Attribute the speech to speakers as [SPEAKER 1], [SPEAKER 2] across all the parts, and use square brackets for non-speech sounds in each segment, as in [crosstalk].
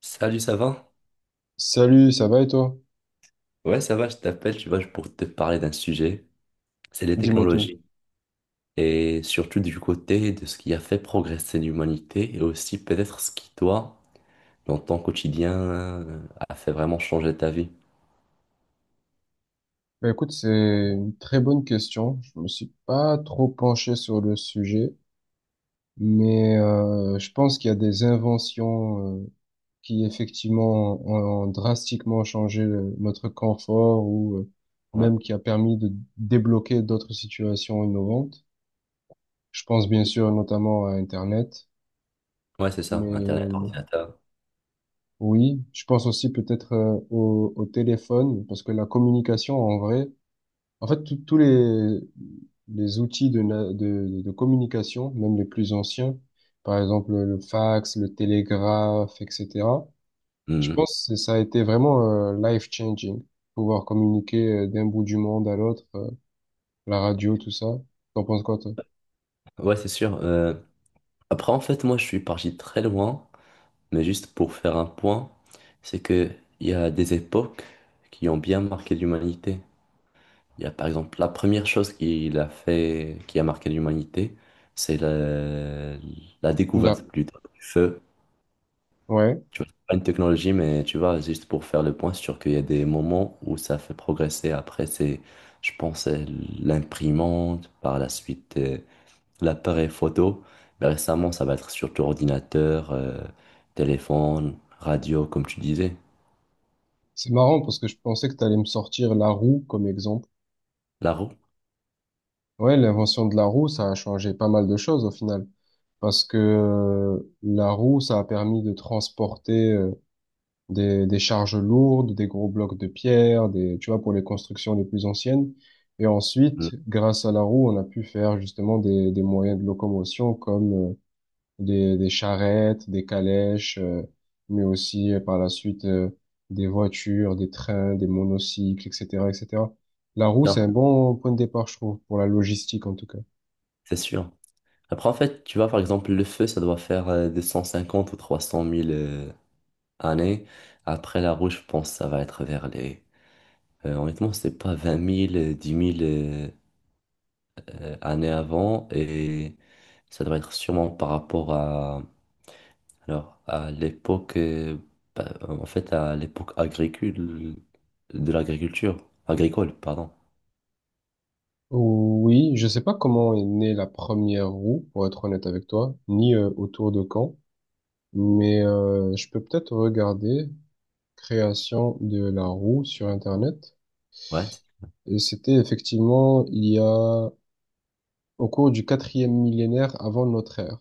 [SPEAKER 1] Salut, ça va?
[SPEAKER 2] Salut, ça va et toi?
[SPEAKER 1] Ouais, ça va, je t'appelle, tu vois, pour te parler d'un sujet, c'est les
[SPEAKER 2] Dis-moi tout.
[SPEAKER 1] technologies. Et surtout du côté de ce qui a fait progresser l'humanité et aussi peut-être ce qui, toi, dans ton quotidien, a fait vraiment changer ta vie.
[SPEAKER 2] Bah écoute, c'est une très bonne question. Je me suis pas trop penché sur le sujet, mais je pense qu'il y a des inventions qui effectivement ont drastiquement changé notre confort ou
[SPEAKER 1] Ouais,
[SPEAKER 2] même qui a permis de débloquer d'autres situations innovantes. Je pense bien sûr notamment à Internet,
[SPEAKER 1] ouais, c'est ça,
[SPEAKER 2] mais
[SPEAKER 1] Internet, ordinateur.
[SPEAKER 2] oui, je pense aussi peut-être au téléphone parce que la communication en vrai. En fait, les outils de communication, même les plus anciens, par exemple le fax, le télégraphe, etc., je
[SPEAKER 1] Mhm.
[SPEAKER 2] pense que ça a été vraiment life-changing, pouvoir communiquer d'un bout du monde à l'autre, la radio, tout ça. T'en penses quoi, toi?
[SPEAKER 1] Ouais, c'est sûr. Après, en fait, moi, je suis parti très loin, mais juste pour faire un point, c'est que il y a des époques qui ont bien marqué l'humanité. Il y a par exemple la première chose qu'il a fait, qui a marqué l'humanité, c'est la
[SPEAKER 2] Là.
[SPEAKER 1] découverte plutôt du feu.
[SPEAKER 2] Ouais.
[SPEAKER 1] Tu vois, c'est pas une technologie, mais tu vois, juste pour faire le point sur qu'il y a des moments où ça fait progresser. Après, c'est, je pense, l'imprimante, par la suite, l'appareil photo. Mais récemment, ça va être surtout ordinateur, téléphone, radio, comme tu disais.
[SPEAKER 2] C'est marrant parce que je pensais que t'allais me sortir la roue comme exemple.
[SPEAKER 1] La roue?
[SPEAKER 2] Ouais, l'invention de la roue, ça a changé pas mal de choses au final. Parce que la roue, ça a permis de transporter des charges lourdes, des gros blocs de pierre, des, tu vois, pour les constructions les plus anciennes. Et ensuite, grâce à la roue, on a pu faire justement des moyens de locomotion comme des charrettes, des calèches, mais aussi par la suite des voitures, des trains, des monocycles, etc., etc. La roue,
[SPEAKER 1] Non,
[SPEAKER 2] c'est un bon point de départ, je trouve, pour la logistique en tout cas.
[SPEAKER 1] c'est sûr. Après, en fait, tu vois, par exemple, le feu, ça doit faire 250 ou 300 mille années. Après, la rouge, je pense que ça va être vers les... honnêtement, c'est pas 20 mille 10 mille années avant. Et ça doit être sûrement par rapport à... Alors, à l'époque... bah, en fait, à l'époque agricole... De l'agriculture. Agricole, pardon.
[SPEAKER 2] Oui, je sais pas comment est née la première roue, pour être honnête avec toi, ni autour de quand. Mais je peux peut-être regarder création de la roue sur Internet.
[SPEAKER 1] Ouais.
[SPEAKER 2] Et c'était effectivement il y a au cours du quatrième millénaire avant notre ère.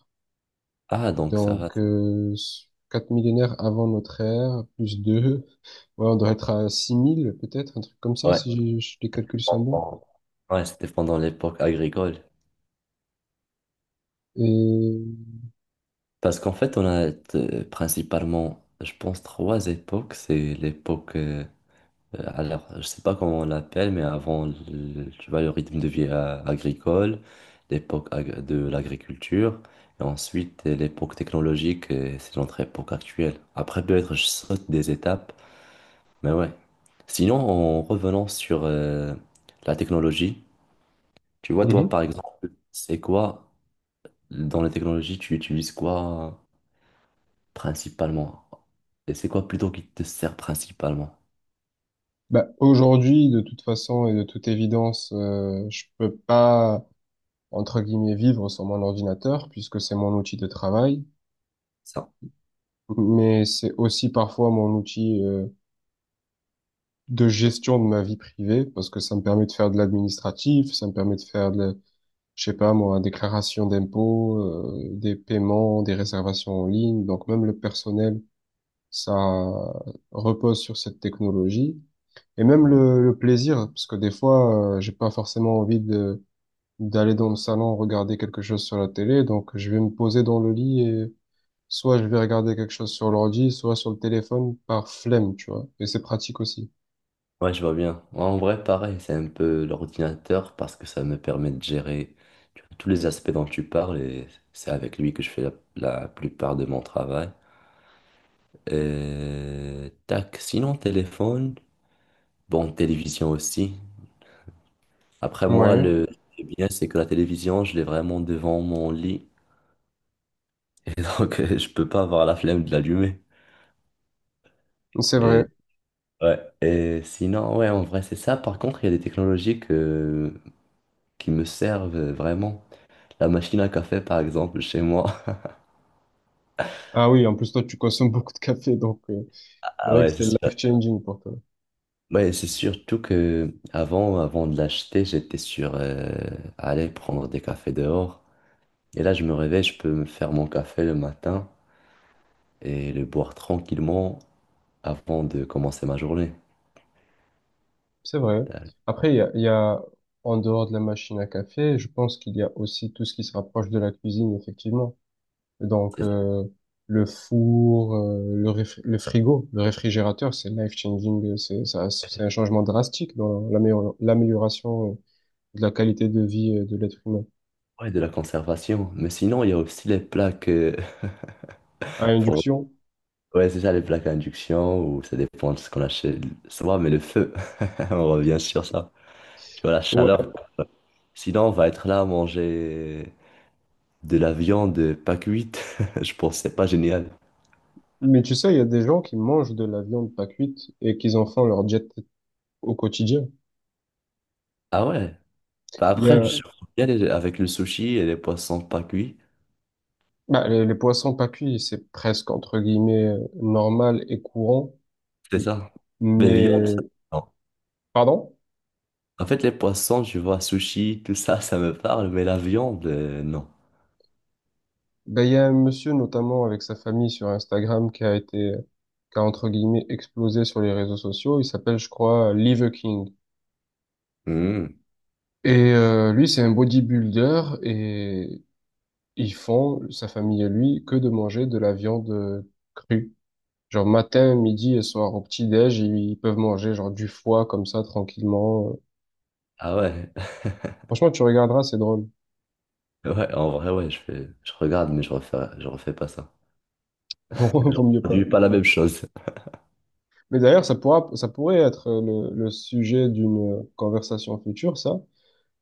[SPEAKER 1] Ah, donc ça va...
[SPEAKER 2] Donc quatre millénaires avant notre ère plus deux, [laughs] ouais, on doit être à 6000 peut-être un truc comme ça
[SPEAKER 1] Ouais.
[SPEAKER 2] si les calculs sont bons.
[SPEAKER 1] Pendant- Ouais, c'était pendant l'époque agricole.
[SPEAKER 2] Et
[SPEAKER 1] Parce qu'en fait, on a principalement, je pense, 3 époques. C'est l'époque, alors, je sais pas comment on l'appelle, mais avant, tu vois, le rythme de vie agricole, l'époque de l'agriculture, et ensuite l'époque technologique, c'est notre époque actuelle. Après, peut-être, je saute des étapes, mais ouais. Sinon, en revenant sur la technologie, tu vois, toi,
[SPEAKER 2] Mhm.
[SPEAKER 1] par exemple, c'est quoi, dans la technologie, tu utilises quoi? Principalement. Et c'est quoi plutôt qui te sert principalement?
[SPEAKER 2] Bah, aujourd'hui de toute façon et de toute évidence, je peux pas, entre guillemets, vivre sur mon ordinateur, puisque c'est mon outil de travail,
[SPEAKER 1] Ça.
[SPEAKER 2] mais c'est aussi parfois mon outil de gestion de ma vie privée, parce que ça me permet de faire de l'administratif, ça me permet de faire de, je sais pas moi, déclaration d'impôts, des paiements, des réservations en ligne, donc même le personnel, ça repose sur cette technologie. Et même
[SPEAKER 1] Mm.
[SPEAKER 2] le plaisir, parce que des fois, j'ai pas forcément envie de d'aller dans le salon regarder quelque chose sur la télé, donc je vais me poser dans le lit et soit je vais regarder quelque chose sur l'ordi, soit sur le téléphone par flemme, tu vois. Et c'est pratique aussi.
[SPEAKER 1] Ouais, je vois bien. En vrai, pareil, c'est un peu l'ordinateur parce que ça me permet de gérer tu vois, tous les aspects dont tu parles et c'est avec lui que je fais la plupart de mon travail. Et tac, sinon téléphone, bon, télévision aussi. Après moi,
[SPEAKER 2] Ouais, ouais.
[SPEAKER 1] le bien, c'est que la télévision, je l'ai vraiment devant mon lit [laughs] et donc je peux pas avoir la flemme de l'allumer.
[SPEAKER 2] C'est vrai.
[SPEAKER 1] Ouais, et sinon, ouais, en vrai, c'est ça. Par contre, il y a des technologies qui me servent vraiment. La machine à café, par exemple, chez moi. [laughs]
[SPEAKER 2] Ah oui, en plus toi tu consommes [laughs] beaucoup de café, donc c'est
[SPEAKER 1] Ah
[SPEAKER 2] vrai que
[SPEAKER 1] ouais, c'est
[SPEAKER 2] c'est
[SPEAKER 1] sûr.
[SPEAKER 2] life-changing pour toi.
[SPEAKER 1] Ouais, c'est surtout que avant de l'acheter, j'étais sur aller prendre des cafés dehors. Et là, je me réveille, je peux me faire mon café le matin et le boire tranquillement avant de commencer ma journée.
[SPEAKER 2] C'est vrai.
[SPEAKER 1] Euh,
[SPEAKER 2] Après, il y a, en dehors de la machine à café, je pense qu'il y a aussi tout ce qui se rapproche de la cuisine, effectivement. Donc
[SPEAKER 1] C'est ça,
[SPEAKER 2] le four, le frigo, le réfrigérateur, c'est life-changing, c'est un changement drastique dans l'amélioration de la qualité de vie de l'être humain.
[SPEAKER 1] ouais, de la conservation. Mais sinon, il y a aussi les plaques [laughs]
[SPEAKER 2] À induction?
[SPEAKER 1] Ouais, c'est ça, les plaques à induction, ou ça dépend de ce qu'on achète. Ça va, mais le feu, [laughs] on revient sur ça. Tu vois, la
[SPEAKER 2] Ouais.
[SPEAKER 1] chaleur. Sinon, on va être là à manger de la viande pas cuite. [laughs] Je pense que c'est pas génial.
[SPEAKER 2] Mais tu sais, il y a des gens qui mangent de la viande pas cuite et qu'ils en font leur diète au quotidien.
[SPEAKER 1] Ah ouais? Bah
[SPEAKER 2] Il y
[SPEAKER 1] après,
[SPEAKER 2] a,
[SPEAKER 1] je bien avec le sushi et les poissons pas cuits.
[SPEAKER 2] bah, les poissons pas cuits, c'est presque entre guillemets normal et courant.
[SPEAKER 1] C'est ça. Mais viande, ça,
[SPEAKER 2] Mais,
[SPEAKER 1] non.
[SPEAKER 2] pardon?
[SPEAKER 1] En fait, les poissons, tu vois, sushi, tout ça, ça me parle, mais la viande, non.
[SPEAKER 2] Ben, il y a un monsieur notamment avec sa famille sur Instagram qui a entre guillemets explosé sur les réseaux sociaux. Il s'appelle, je crois, Liver King.
[SPEAKER 1] Hmm.
[SPEAKER 2] Et lui, c'est un bodybuilder et ils font, sa famille et lui, que de manger de la viande crue. Genre matin, midi et soir au petit-déj, ils peuvent manger genre du foie comme ça tranquillement.
[SPEAKER 1] Ah ouais? [laughs]
[SPEAKER 2] Franchement, tu regarderas, c'est drôle. [laughs]
[SPEAKER 1] Ouais, en vrai, ouais, je fais, je regarde, mais je refais pas ça.
[SPEAKER 2] Non,
[SPEAKER 1] Genre,
[SPEAKER 2] vaut mieux
[SPEAKER 1] on
[SPEAKER 2] pas.
[SPEAKER 1] produit pas la même chose.
[SPEAKER 2] Mais d'ailleurs, ça pourrait être le sujet d'une conversation future, ça,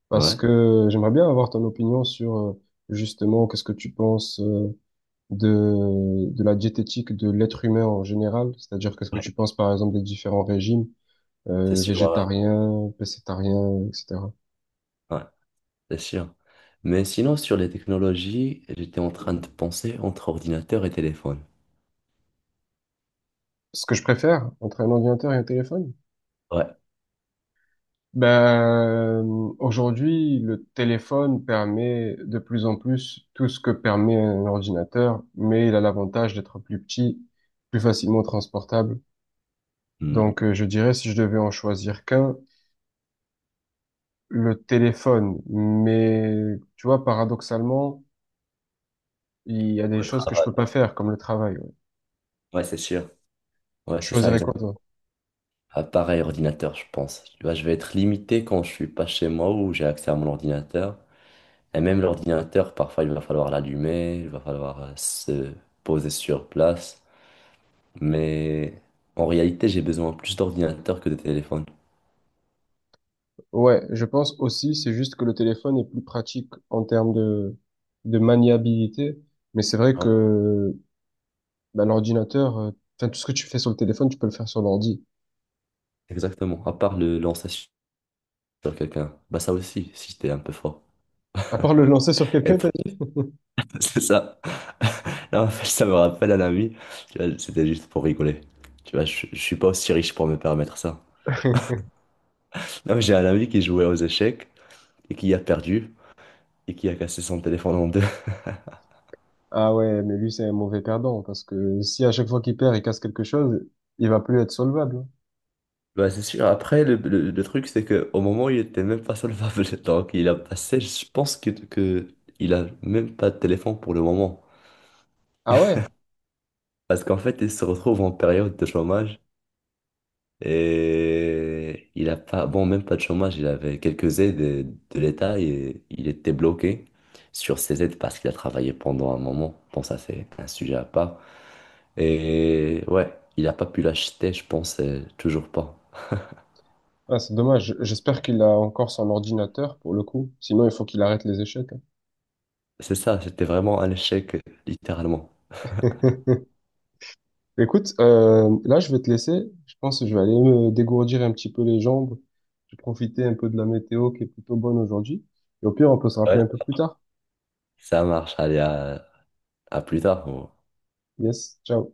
[SPEAKER 2] parce
[SPEAKER 1] Ouais,
[SPEAKER 2] que j'aimerais bien avoir ton opinion sur justement qu'est-ce que tu penses de la diététique de l'être humain en général, c'est-à-dire qu'est-ce que tu penses par exemple des différents régimes
[SPEAKER 1] c'est sûr. Ouais,
[SPEAKER 2] végétariens, pécétariens, etc.
[SPEAKER 1] ouais, Ouais, c'est sûr. Mais sinon, sur les technologies, j'étais en train de penser entre ordinateur et téléphone.
[SPEAKER 2] Ce que je préfère entre un ordinateur et un téléphone.
[SPEAKER 1] Ouais.
[SPEAKER 2] Ben, aujourd'hui, le téléphone permet de plus en plus tout ce que permet un ordinateur, mais il a l'avantage d'être plus petit, plus facilement transportable.
[SPEAKER 1] Hmm.
[SPEAKER 2] Donc, je dirais, si je devais en choisir qu'un, le téléphone. Mais, tu vois, paradoxalement, il y a des choses que je peux pas faire, comme le travail. Ouais.
[SPEAKER 1] Ouais, c'est sûr. Ouais,
[SPEAKER 2] Tu
[SPEAKER 1] c'est ça,
[SPEAKER 2] choisirais quoi,
[SPEAKER 1] exact.
[SPEAKER 2] toi?
[SPEAKER 1] Appareil, ordinateur, je pense. Tu vois, je vais être limité quand je suis pas chez moi ou j'ai accès à mon ordinateur. Et même l'ordinateur, parfois, il va falloir l'allumer, il va falloir se poser sur place. Mais en réalité, j'ai besoin plus d'ordinateur que de téléphone.
[SPEAKER 2] Ouais, je pense aussi, c'est juste que le téléphone est plus pratique en termes de maniabilité. Mais c'est vrai
[SPEAKER 1] Ouais,
[SPEAKER 2] que bah, l'ordinateur, enfin, tout ce que tu fais sur le téléphone, tu peux le faire sur l'ordi.
[SPEAKER 1] exactement. À part le lancer sur quelqu'un. Bah ça aussi, si j'étais un peu fort.
[SPEAKER 2] À part le lancer sur
[SPEAKER 1] Et
[SPEAKER 2] quelqu'un, t'as
[SPEAKER 1] puis,
[SPEAKER 2] dit?
[SPEAKER 1] [laughs] c'est ça. Non, en fait, ça me rappelle un ami. Tu vois, c'était juste pour rigoler. Tu vois, je suis pas aussi riche pour me permettre ça.
[SPEAKER 2] [laughs]
[SPEAKER 1] Non, mais j'ai un ami qui jouait aux échecs et qui a perdu et qui a cassé son téléphone en deux. [laughs]
[SPEAKER 2] Ah ouais, mais lui, c'est un mauvais perdant, parce que si à chaque fois qu'il perd, il casse quelque chose, il va plus être solvable.
[SPEAKER 1] Bah c'est sûr, après, le truc, c'est que au moment où il était même pas solvable, [laughs] donc il a passé, je pense que il a même pas de téléphone pour le moment.
[SPEAKER 2] Ah ouais?
[SPEAKER 1] Parce qu'en fait, il se retrouve en période de chômage. Et il a pas, bon, même pas de chômage, il avait quelques aides de l'État et il était bloqué sur ces aides parce qu'il a travaillé pendant un moment. Bon, ça, c'est un sujet à part. Et ouais, il n'a pas pu l'acheter, je pense, toujours pas.
[SPEAKER 2] Ah, c'est dommage. J'espère qu'il a encore son ordinateur, pour le coup. Sinon, il faut qu'il arrête les échecs.
[SPEAKER 1] C'est ça, c'était vraiment un échec, littéralement.
[SPEAKER 2] Hein. [laughs] Écoute, là, je vais te laisser. Je pense que je vais aller me dégourdir un petit peu les jambes. Je vais profiter un peu de la météo qui est plutôt bonne aujourd'hui. Et au pire, on peut se
[SPEAKER 1] Ouais,
[SPEAKER 2] rappeler un peu plus tard.
[SPEAKER 1] ça marche. Allez, à plus tard.
[SPEAKER 2] Yes, ciao.